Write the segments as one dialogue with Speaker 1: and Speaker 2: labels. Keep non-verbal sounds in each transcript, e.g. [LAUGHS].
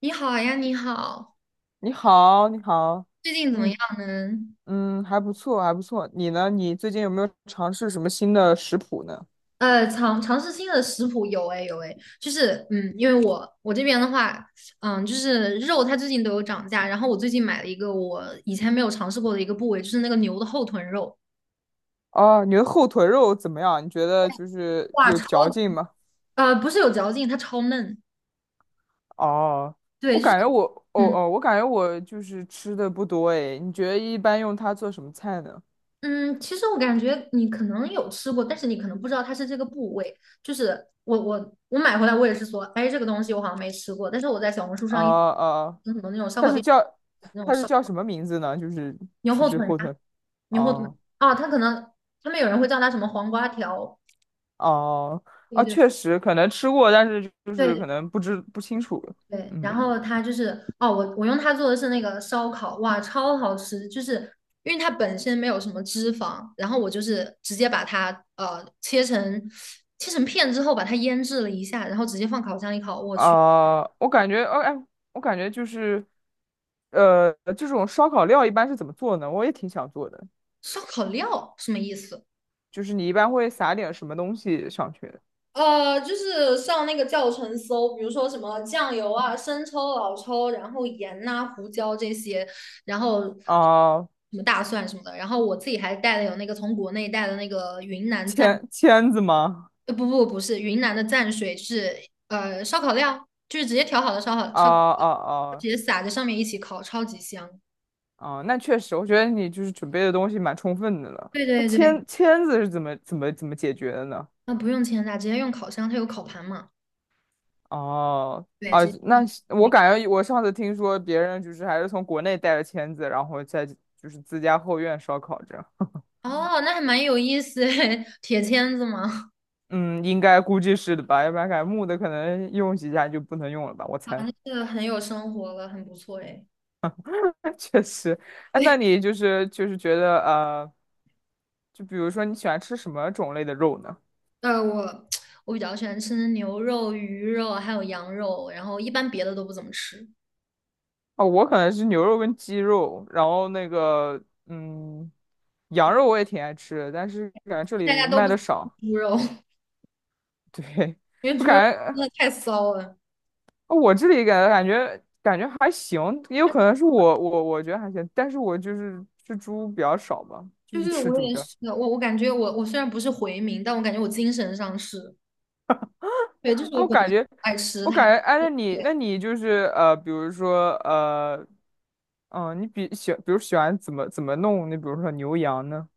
Speaker 1: 你好啊呀，你好，
Speaker 2: 你好，你好，
Speaker 1: 最近怎么样
Speaker 2: 嗯
Speaker 1: 呢？
Speaker 2: 嗯，还不错，还不错。你呢？你最近有没有尝试什么新的食谱呢？
Speaker 1: 尝试新的食谱有哎有哎，就是因为我这边的话，就是肉它最近都有涨价，然后我最近买了一个我以前没有尝试过的一个部位，就是那个牛的后臀肉。
Speaker 2: 哦，你的后腿肉怎么样？你觉得就是
Speaker 1: 哇，
Speaker 2: 有嚼劲吗？
Speaker 1: 不是有嚼劲，它超嫩，
Speaker 2: 哦，
Speaker 1: 对，
Speaker 2: 我
Speaker 1: 就是。
Speaker 2: 感觉我，哦
Speaker 1: 嗯。
Speaker 2: 哦，我感觉我就是吃的不多诶。你觉得一般用它做什么菜呢？
Speaker 1: 嗯，其实我感觉你可能有吃过，但是你可能不知道它是这个部位。就是我买回来，我也是说，哎，这个东西我好像没吃过，但是我在小红书
Speaker 2: 哦
Speaker 1: 上
Speaker 2: 哦，
Speaker 1: 很多那种烧
Speaker 2: 它
Speaker 1: 烤
Speaker 2: 是
Speaker 1: 店，
Speaker 2: 叫
Speaker 1: 那种
Speaker 2: 它是
Speaker 1: 烧
Speaker 2: 叫什么名字呢？就是
Speaker 1: 牛
Speaker 2: 就
Speaker 1: 后
Speaker 2: 是
Speaker 1: 腿
Speaker 2: 后
Speaker 1: 啊，
Speaker 2: 腿。
Speaker 1: 牛后腿
Speaker 2: 哦
Speaker 1: 啊，它可能他们有人会叫它什么黄瓜条。
Speaker 2: 哦
Speaker 1: 对
Speaker 2: 啊，
Speaker 1: 对
Speaker 2: 确实可能吃过，但是就是
Speaker 1: 对
Speaker 2: 可能不清楚了。
Speaker 1: 对。然
Speaker 2: 嗯。
Speaker 1: 后它就是哦，我用它做的是那个烧烤，哇，超好吃！就是因为它本身没有什么脂肪，然后我就是直接把它切成片之后，把它腌制了一下，然后直接放烤箱里烤。我去。
Speaker 2: 啊、我感觉就是，呃，这种烧烤料一般是怎么做呢？我也挺想做的，
Speaker 1: 烧烤料什么意思？
Speaker 2: 就是你一般会撒点什么东西上去？
Speaker 1: 就是上那个教程搜，比如说什么酱油啊、生抽、老抽，然后盐呐、胡椒这些，然后什
Speaker 2: 啊、
Speaker 1: 么大蒜什么的。然后我自己还带了有那个从国内带的那个云南蘸
Speaker 2: 签子吗？
Speaker 1: 不不不是，云南的蘸水是烧烤料，就是直接调好的烧烤
Speaker 2: 啊
Speaker 1: 烧烤料
Speaker 2: 啊啊
Speaker 1: 直接撒在上面一起烤，超级香。
Speaker 2: 啊！那确实，我觉得你就是准备的东西蛮充分的了。
Speaker 1: 对
Speaker 2: 那
Speaker 1: 对对。
Speaker 2: 签子是怎么解决的呢？
Speaker 1: 那不用煎炸，直接用烤箱，它有烤盘嘛。
Speaker 2: 哦、
Speaker 1: 对，
Speaker 2: 啊，
Speaker 1: 直接
Speaker 2: 那是我
Speaker 1: 个
Speaker 2: 感觉我上次听说别人就是还是从国内带了签子，然后在就是自家后院烧烤这样。
Speaker 1: 哦，那还蛮有意思诶，[LAUGHS] 铁签子嘛，
Speaker 2: 嗯，应该估计是的吧，要不然感觉木的可能用几下就不能用了吧，我
Speaker 1: 啊，
Speaker 2: 猜。
Speaker 1: 那这很有生活了，很不错诶。
Speaker 2: [LAUGHS] 确实，哎，那你就是觉得，就比如说你喜欢吃什么种类的肉呢？
Speaker 1: 呃，我 [TSK] 我比较喜欢吃牛肉、鱼肉还有羊肉，然后一般别的都不怎么吃。
Speaker 2: 哦，我可能是牛肉跟鸡肉，然后那个嗯，羊
Speaker 1: 对，
Speaker 2: 肉我也挺爱吃的，但是感觉这
Speaker 1: 大
Speaker 2: 里
Speaker 1: 家都不
Speaker 2: 卖
Speaker 1: 怎
Speaker 2: 的
Speaker 1: 么
Speaker 2: 少。
Speaker 1: 吃猪肉，[LAUGHS]
Speaker 2: [LAUGHS] 对，
Speaker 1: 因为
Speaker 2: 我
Speaker 1: 猪肉
Speaker 2: 感觉
Speaker 1: 真的太骚了。
Speaker 2: 我这里感觉还行，也有可能是我觉得还行，但是我就是吃猪比较少吧，就
Speaker 1: 对
Speaker 2: 是
Speaker 1: 对，
Speaker 2: 吃
Speaker 1: 我
Speaker 2: 猪比
Speaker 1: 也
Speaker 2: 较。
Speaker 1: 是我感觉我虽然不是回民，但我感觉我精神上是，对，就是
Speaker 2: 啊
Speaker 1: 我
Speaker 2: 我
Speaker 1: 本
Speaker 2: 感
Speaker 1: 来
Speaker 2: 觉，
Speaker 1: 爱吃
Speaker 2: 我
Speaker 1: 它。
Speaker 2: 感觉，哎，
Speaker 1: 对
Speaker 2: 那你就是，比如说，你比喜，比如喜欢怎么弄？你比如说牛羊呢？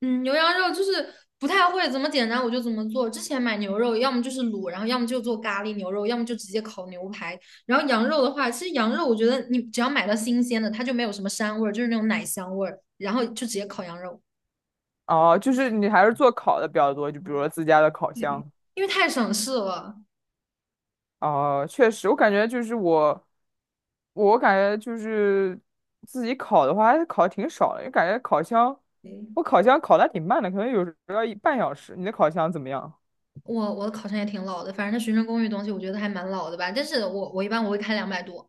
Speaker 1: 嗯，牛羊肉就是不太会怎么简单，我就怎么做。之前买牛肉，要么就是卤，然后要么就做咖喱牛肉，要么就直接烤牛排。然后羊肉的话，其实羊肉我觉得你只要买到新鲜的，它就没有什么膻味儿，就是那种奶香味儿，然后就直接烤羊肉。
Speaker 2: 哦，就是你还是做烤的比较多，就比如说自家的烤
Speaker 1: 对，
Speaker 2: 箱。
Speaker 1: 因为太省事了。
Speaker 2: 哦，确实，我感觉就是自己烤的话，还是烤的挺少的，因为感觉烤箱，我
Speaker 1: 对，
Speaker 2: 烤箱烤的还挺慢的，可能有时候要一半小时。你的烤箱怎么样？
Speaker 1: 我的烤箱也挺老的，反正它学生公寓东西我觉得还蛮老的吧，但是我一般我会开200多。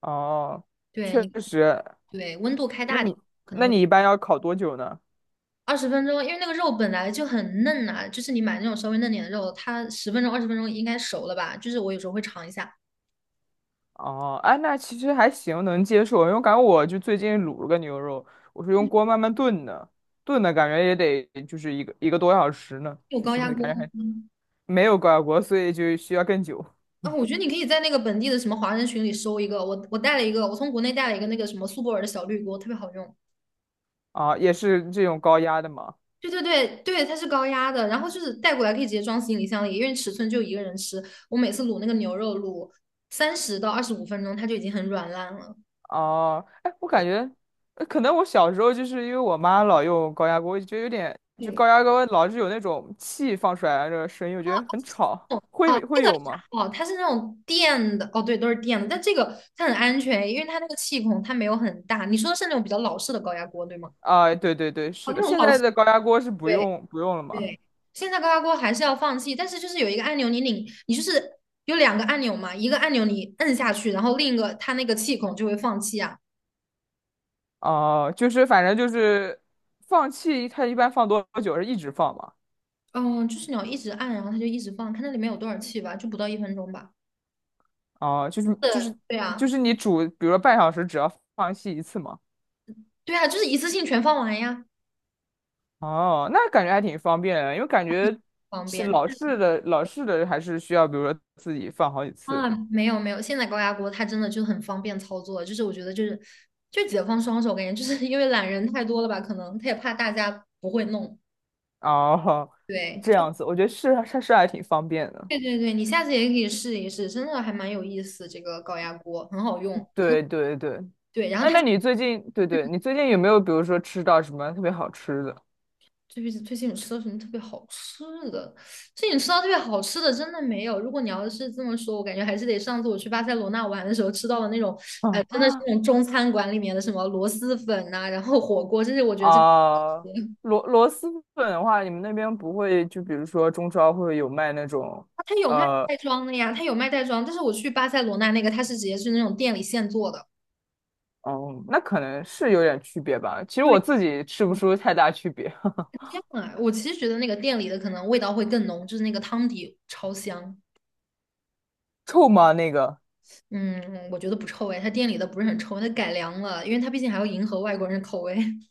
Speaker 2: 哦，
Speaker 1: 对，
Speaker 2: 确
Speaker 1: 你
Speaker 2: 实，
Speaker 1: 对温度开
Speaker 2: 那
Speaker 1: 大点，
Speaker 2: 你
Speaker 1: 可能
Speaker 2: 那
Speaker 1: 会
Speaker 2: 你一般要烤多久呢？
Speaker 1: 二十分钟，因为那个肉本来就很嫩呐、就是你买那种稍微嫩点的肉，它十分钟、二十分钟应该熟了吧？就是我有时候会尝一下。
Speaker 2: 哦，哎，那其实还行，能接受，因为感觉我就最近卤了个牛肉，我是用锅慢慢炖的，炖的感觉也得就是一个多小时呢，
Speaker 1: 有
Speaker 2: 就
Speaker 1: 高
Speaker 2: 是
Speaker 1: 压
Speaker 2: 很
Speaker 1: 锅
Speaker 2: 感觉还
Speaker 1: 吗？
Speaker 2: 没有高压锅，所以就需要更久。
Speaker 1: 啊，
Speaker 2: [LAUGHS]
Speaker 1: 我觉得你可以在那个本地的什么华人群里搜一个。我带了一个，我从国内带了一个那个什么苏泊尔的小绿锅，特别好用。
Speaker 2: 啊，也是这种高压的嘛。
Speaker 1: 对对对对，它是高压的，然后就是带过来可以直接装行李箱里，因为尺寸就一个人吃。我每次卤那个牛肉卤30到25分钟，它就已经很软烂了。
Speaker 2: 哦，哎，我感觉，可能我小时候就是因为我妈老用高压锅，我就觉得有点，就
Speaker 1: 对，
Speaker 2: 高压锅老是有那种气放出来的那个声音，我觉得很吵。会
Speaker 1: 哦，这
Speaker 2: 会
Speaker 1: 个还
Speaker 2: 有吗？
Speaker 1: 好，它是那种电的，哦，对，都是电的，但这个它很安全，因为它那个气孔它没有很大。你说的是那种比较老式的高压锅，对吗？
Speaker 2: 啊，对对对，
Speaker 1: 哦，
Speaker 2: 是
Speaker 1: 那
Speaker 2: 的，
Speaker 1: 种
Speaker 2: 现
Speaker 1: 老
Speaker 2: 在
Speaker 1: 式，
Speaker 2: 的高压锅是不
Speaker 1: 对
Speaker 2: 用不用了吗？
Speaker 1: 对。现在高压锅还是要放气，但是就是有一个按钮，你拧，你就是有两个按钮嘛，一个按钮你摁下去，然后另一个它那个气孔就会放气啊。
Speaker 2: 哦、就是反正就是放气，它一般放多久是一直放嘛？
Speaker 1: 嗯，就是你要一直按，然后它就一直放，看它里面有多少气吧，就不到1分钟吧。
Speaker 2: 哦、就是就是
Speaker 1: 是，对
Speaker 2: 就
Speaker 1: 啊，
Speaker 2: 是你煮，比如说半小时，只要放气一次嘛。
Speaker 1: 对啊，就是一次性全放完呀，
Speaker 2: 哦，那感觉还挺方便的，因为感觉
Speaker 1: 方
Speaker 2: 是
Speaker 1: 便。
Speaker 2: 老式的还是需要，比如说自己放好几次。
Speaker 1: 啊，没有没有，现在高压锅它真的就很方便操作，就是我觉得就解放双手，感觉就是因为懒人太多了吧，可能他也怕大家不会弄。
Speaker 2: 哦，
Speaker 1: 对，
Speaker 2: 这
Speaker 1: 就
Speaker 2: 样子，我觉得是还挺方便的。
Speaker 1: 对对对，你下次也可以试一试，真的还蛮有意思，这个高压锅很好用，真的。
Speaker 2: 对对对，
Speaker 1: 对，然后
Speaker 2: 哎，
Speaker 1: 它
Speaker 2: 那你最近对对，你最近有没有比如说吃到什么特别好吃的？
Speaker 1: 最近有吃到什么特别好吃的？最近吃到特别好吃的真的没有。如果你要是这么说，我感觉还是得上次我去巴塞罗那玩的时候吃到的那种，
Speaker 2: [LAUGHS]
Speaker 1: 真的是那
Speaker 2: 嗯
Speaker 1: 种中餐馆里面的什么螺蛳粉呐、然后火锅，这些我觉得真的。
Speaker 2: 啊，螺蛳粉的话，你们那边不会就比如说中超会有卖那种。
Speaker 1: 它有卖
Speaker 2: 呃，
Speaker 1: 袋装的呀，它有卖袋装，但是我去巴塞罗那那个，它是直接是那种店里现做的。
Speaker 2: 嗯，那可能是有点区别吧。其实
Speaker 1: 对，
Speaker 2: 我自己吃不出太大区别。[LAUGHS]
Speaker 1: 这样啊，我其实觉得那个店里的可能味道会更浓，就是那个汤底超香。
Speaker 2: 臭吗？那个
Speaker 1: 嗯，我觉得不臭哎，它店里的不是很臭，它改良了，因为它毕竟还要迎合外国人的口味。[LAUGHS]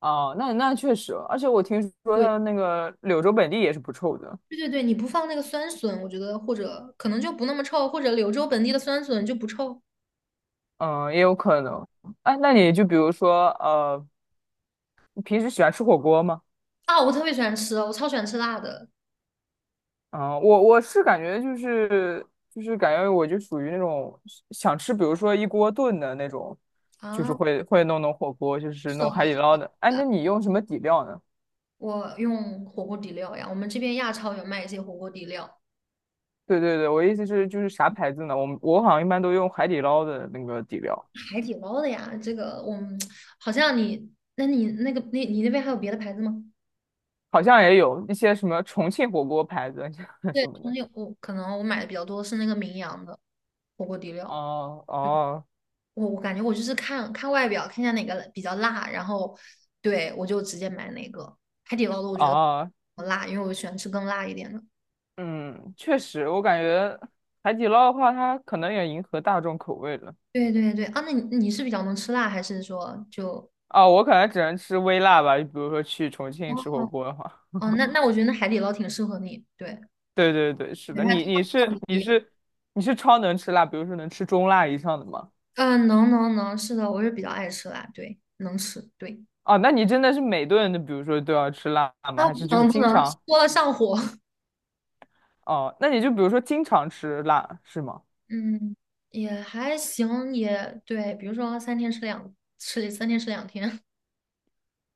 Speaker 2: 啊，那确实，而且我听说
Speaker 1: 对，
Speaker 2: 它那个柳州本地也是不臭的。
Speaker 1: 对对对，你不放那个酸笋，我觉得或者可能就不那么臭，或者柳州本地的酸笋就不臭
Speaker 2: 嗯，也有可能。哎，那你就比如说，你平时喜欢吃火锅吗？
Speaker 1: 啊。我特别喜欢吃，哦，我超喜欢吃辣的
Speaker 2: 啊，我是感觉就是感觉我就属于那种想吃，比如说一锅炖的那种，就是
Speaker 1: 啊。
Speaker 2: 会弄火锅，就是
Speaker 1: 是的，
Speaker 2: 弄海底捞的。哎，那你用什么底料呢？
Speaker 1: 我用火锅底料呀，我们这边亚超有卖一些火锅底料。
Speaker 2: 对对对，我意思是就是啥牌子呢？我好像一般都用海底捞的那个底料。
Speaker 1: 海底捞的呀。这个我们好像你，那你那边还有别的牌子吗？
Speaker 2: 好像也有一些什么重庆火锅牌子 [LAUGHS] 什
Speaker 1: 对，
Speaker 2: 么
Speaker 1: 重
Speaker 2: 的。
Speaker 1: 庆我可能我买的比较多是那个名扬的火锅底料。
Speaker 2: 哦哦
Speaker 1: 我感觉我就是看看外表，看一下哪个比较辣，然后对我就直接买哪个。海底捞的我觉得
Speaker 2: 哦，
Speaker 1: 不辣，因为我喜欢吃更辣一点的。
Speaker 2: 嗯，确实，我感觉海底捞的话，它可能也迎合大众口味了。
Speaker 1: 对对对啊，那你是比较能吃辣，还是说就
Speaker 2: 哦，我可能只能吃微辣吧，比如说去重
Speaker 1: 哦
Speaker 2: 庆吃火锅的话。
Speaker 1: 哦，那我觉得那海底捞挺适合你，对，
Speaker 2: 对对对，是
Speaker 1: 对
Speaker 2: 的，
Speaker 1: 它这
Speaker 2: 你你
Speaker 1: 个
Speaker 2: 是你是你是超能吃辣，比如说能吃中辣以上的吗？
Speaker 1: 嗯，能能能，是的，我是比较爱吃辣，对，能吃，对。
Speaker 2: 哦，那你真的是每顿都，比如说都要吃辣吗？
Speaker 1: 啊，
Speaker 2: 还
Speaker 1: 不
Speaker 2: 是就是
Speaker 1: 能不
Speaker 2: 经
Speaker 1: 能，
Speaker 2: 常？
Speaker 1: 多了上火。[LAUGHS]
Speaker 2: 哦，那你就比如说经常吃辣是吗？
Speaker 1: 嗯，也还行，也对。比如说三天吃2天。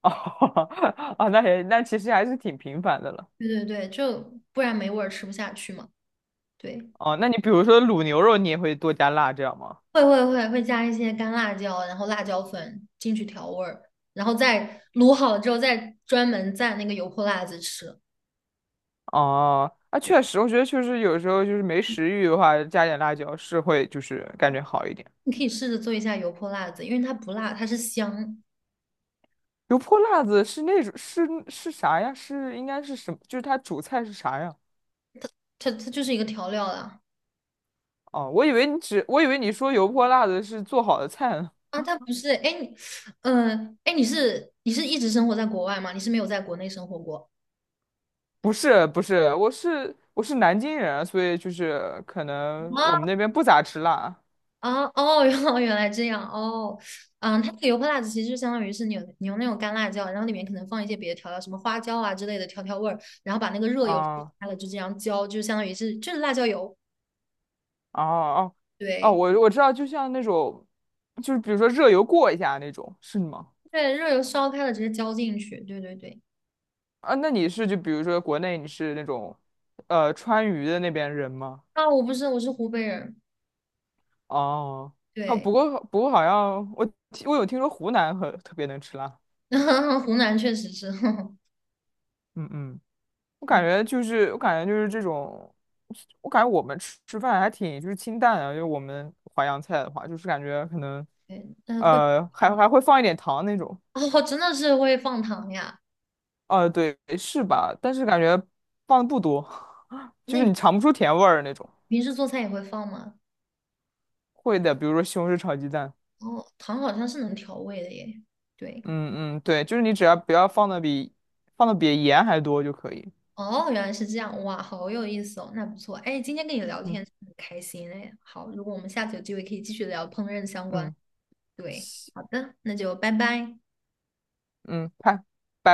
Speaker 2: 哦。[LAUGHS] 啊，那其实还是挺频繁的了。
Speaker 1: [LAUGHS] 对对对，就不然没味儿，吃不下去嘛。对，
Speaker 2: 哦，那你比如说卤牛肉，你也会多加辣这样吗？
Speaker 1: 会加一些干辣椒，然后辣椒粉进去调味儿，然后再卤好了之后，再专门蘸那个油泼辣子吃。
Speaker 2: 哦，啊，确实，我觉得确实有时候就是没食欲的话，加点辣椒是会就是感觉好一点。
Speaker 1: 你可以试着做一下油泼辣子，因为它不辣，它是香，
Speaker 2: 油泼辣子是那种是啥呀？是应该是什么？就是它主菜是啥呀？
Speaker 1: 它就是一个调料啦。
Speaker 2: 哦，我以为你说油泼辣子是做好的菜呢。
Speaker 1: 啊，他不是，哎，哎，你是一直生活在国外吗？你是没有在国内生活过？
Speaker 2: [LAUGHS] 不是不是，我是南京人啊，所以就是可能我们那
Speaker 1: 啊
Speaker 2: 边不咋吃辣
Speaker 1: 啊哦，原来原来这样哦，它那个油泼辣子其实就相当于是你用那种干辣椒，然后里面可能放一些别的调料，什么花椒啊之类的调味儿，然后把那个热
Speaker 2: 啊。
Speaker 1: 油烧
Speaker 2: 哦
Speaker 1: 开了就这样浇，就相当于是就是辣椒油。
Speaker 2: 哦哦，
Speaker 1: 对
Speaker 2: 我知道，就像那种就是比如说热油过一下那种，是吗？
Speaker 1: 对，热油烧开了直接浇进去，对对对。
Speaker 2: 啊，那你是就比如说国内你是那种川渝的那边人吗？
Speaker 1: 啊，我不是，我是湖北人，
Speaker 2: 哦，好，
Speaker 1: 对，
Speaker 2: 不过好像我有听说湖南很特别能吃辣。
Speaker 1: [LAUGHS] 湖南确实是，[LAUGHS]
Speaker 2: 嗯嗯，我感
Speaker 1: 嗯，
Speaker 2: 觉就是我感觉就是这种，我感觉我们吃饭还挺就是清淡的，就我们淮扬菜的话，就是感觉可能
Speaker 1: 对，但是会。
Speaker 2: 还会放一点糖那种。
Speaker 1: 哦，真的是会放糖呀？
Speaker 2: 对是吧？但是感觉放的不多。[LAUGHS] 就
Speaker 1: 那
Speaker 2: 是
Speaker 1: 你
Speaker 2: 你尝不出甜味儿那种。
Speaker 1: 平时做菜也会放吗？
Speaker 2: 会的，比如说西红柿炒鸡蛋。
Speaker 1: 哦，糖好像是能调味的耶。对，
Speaker 2: 嗯嗯对，就是你只要不要放的比盐还多就可以。
Speaker 1: 哦，原来是这样，哇，好有意思哦，那不错。哎，今天跟你聊天
Speaker 2: 嗯
Speaker 1: 很开心哎。好，如果我们下次有机会可以继续聊烹饪相关。
Speaker 2: 嗯。
Speaker 1: 对，好的，那就拜拜。
Speaker 2: 嗯，看。拜。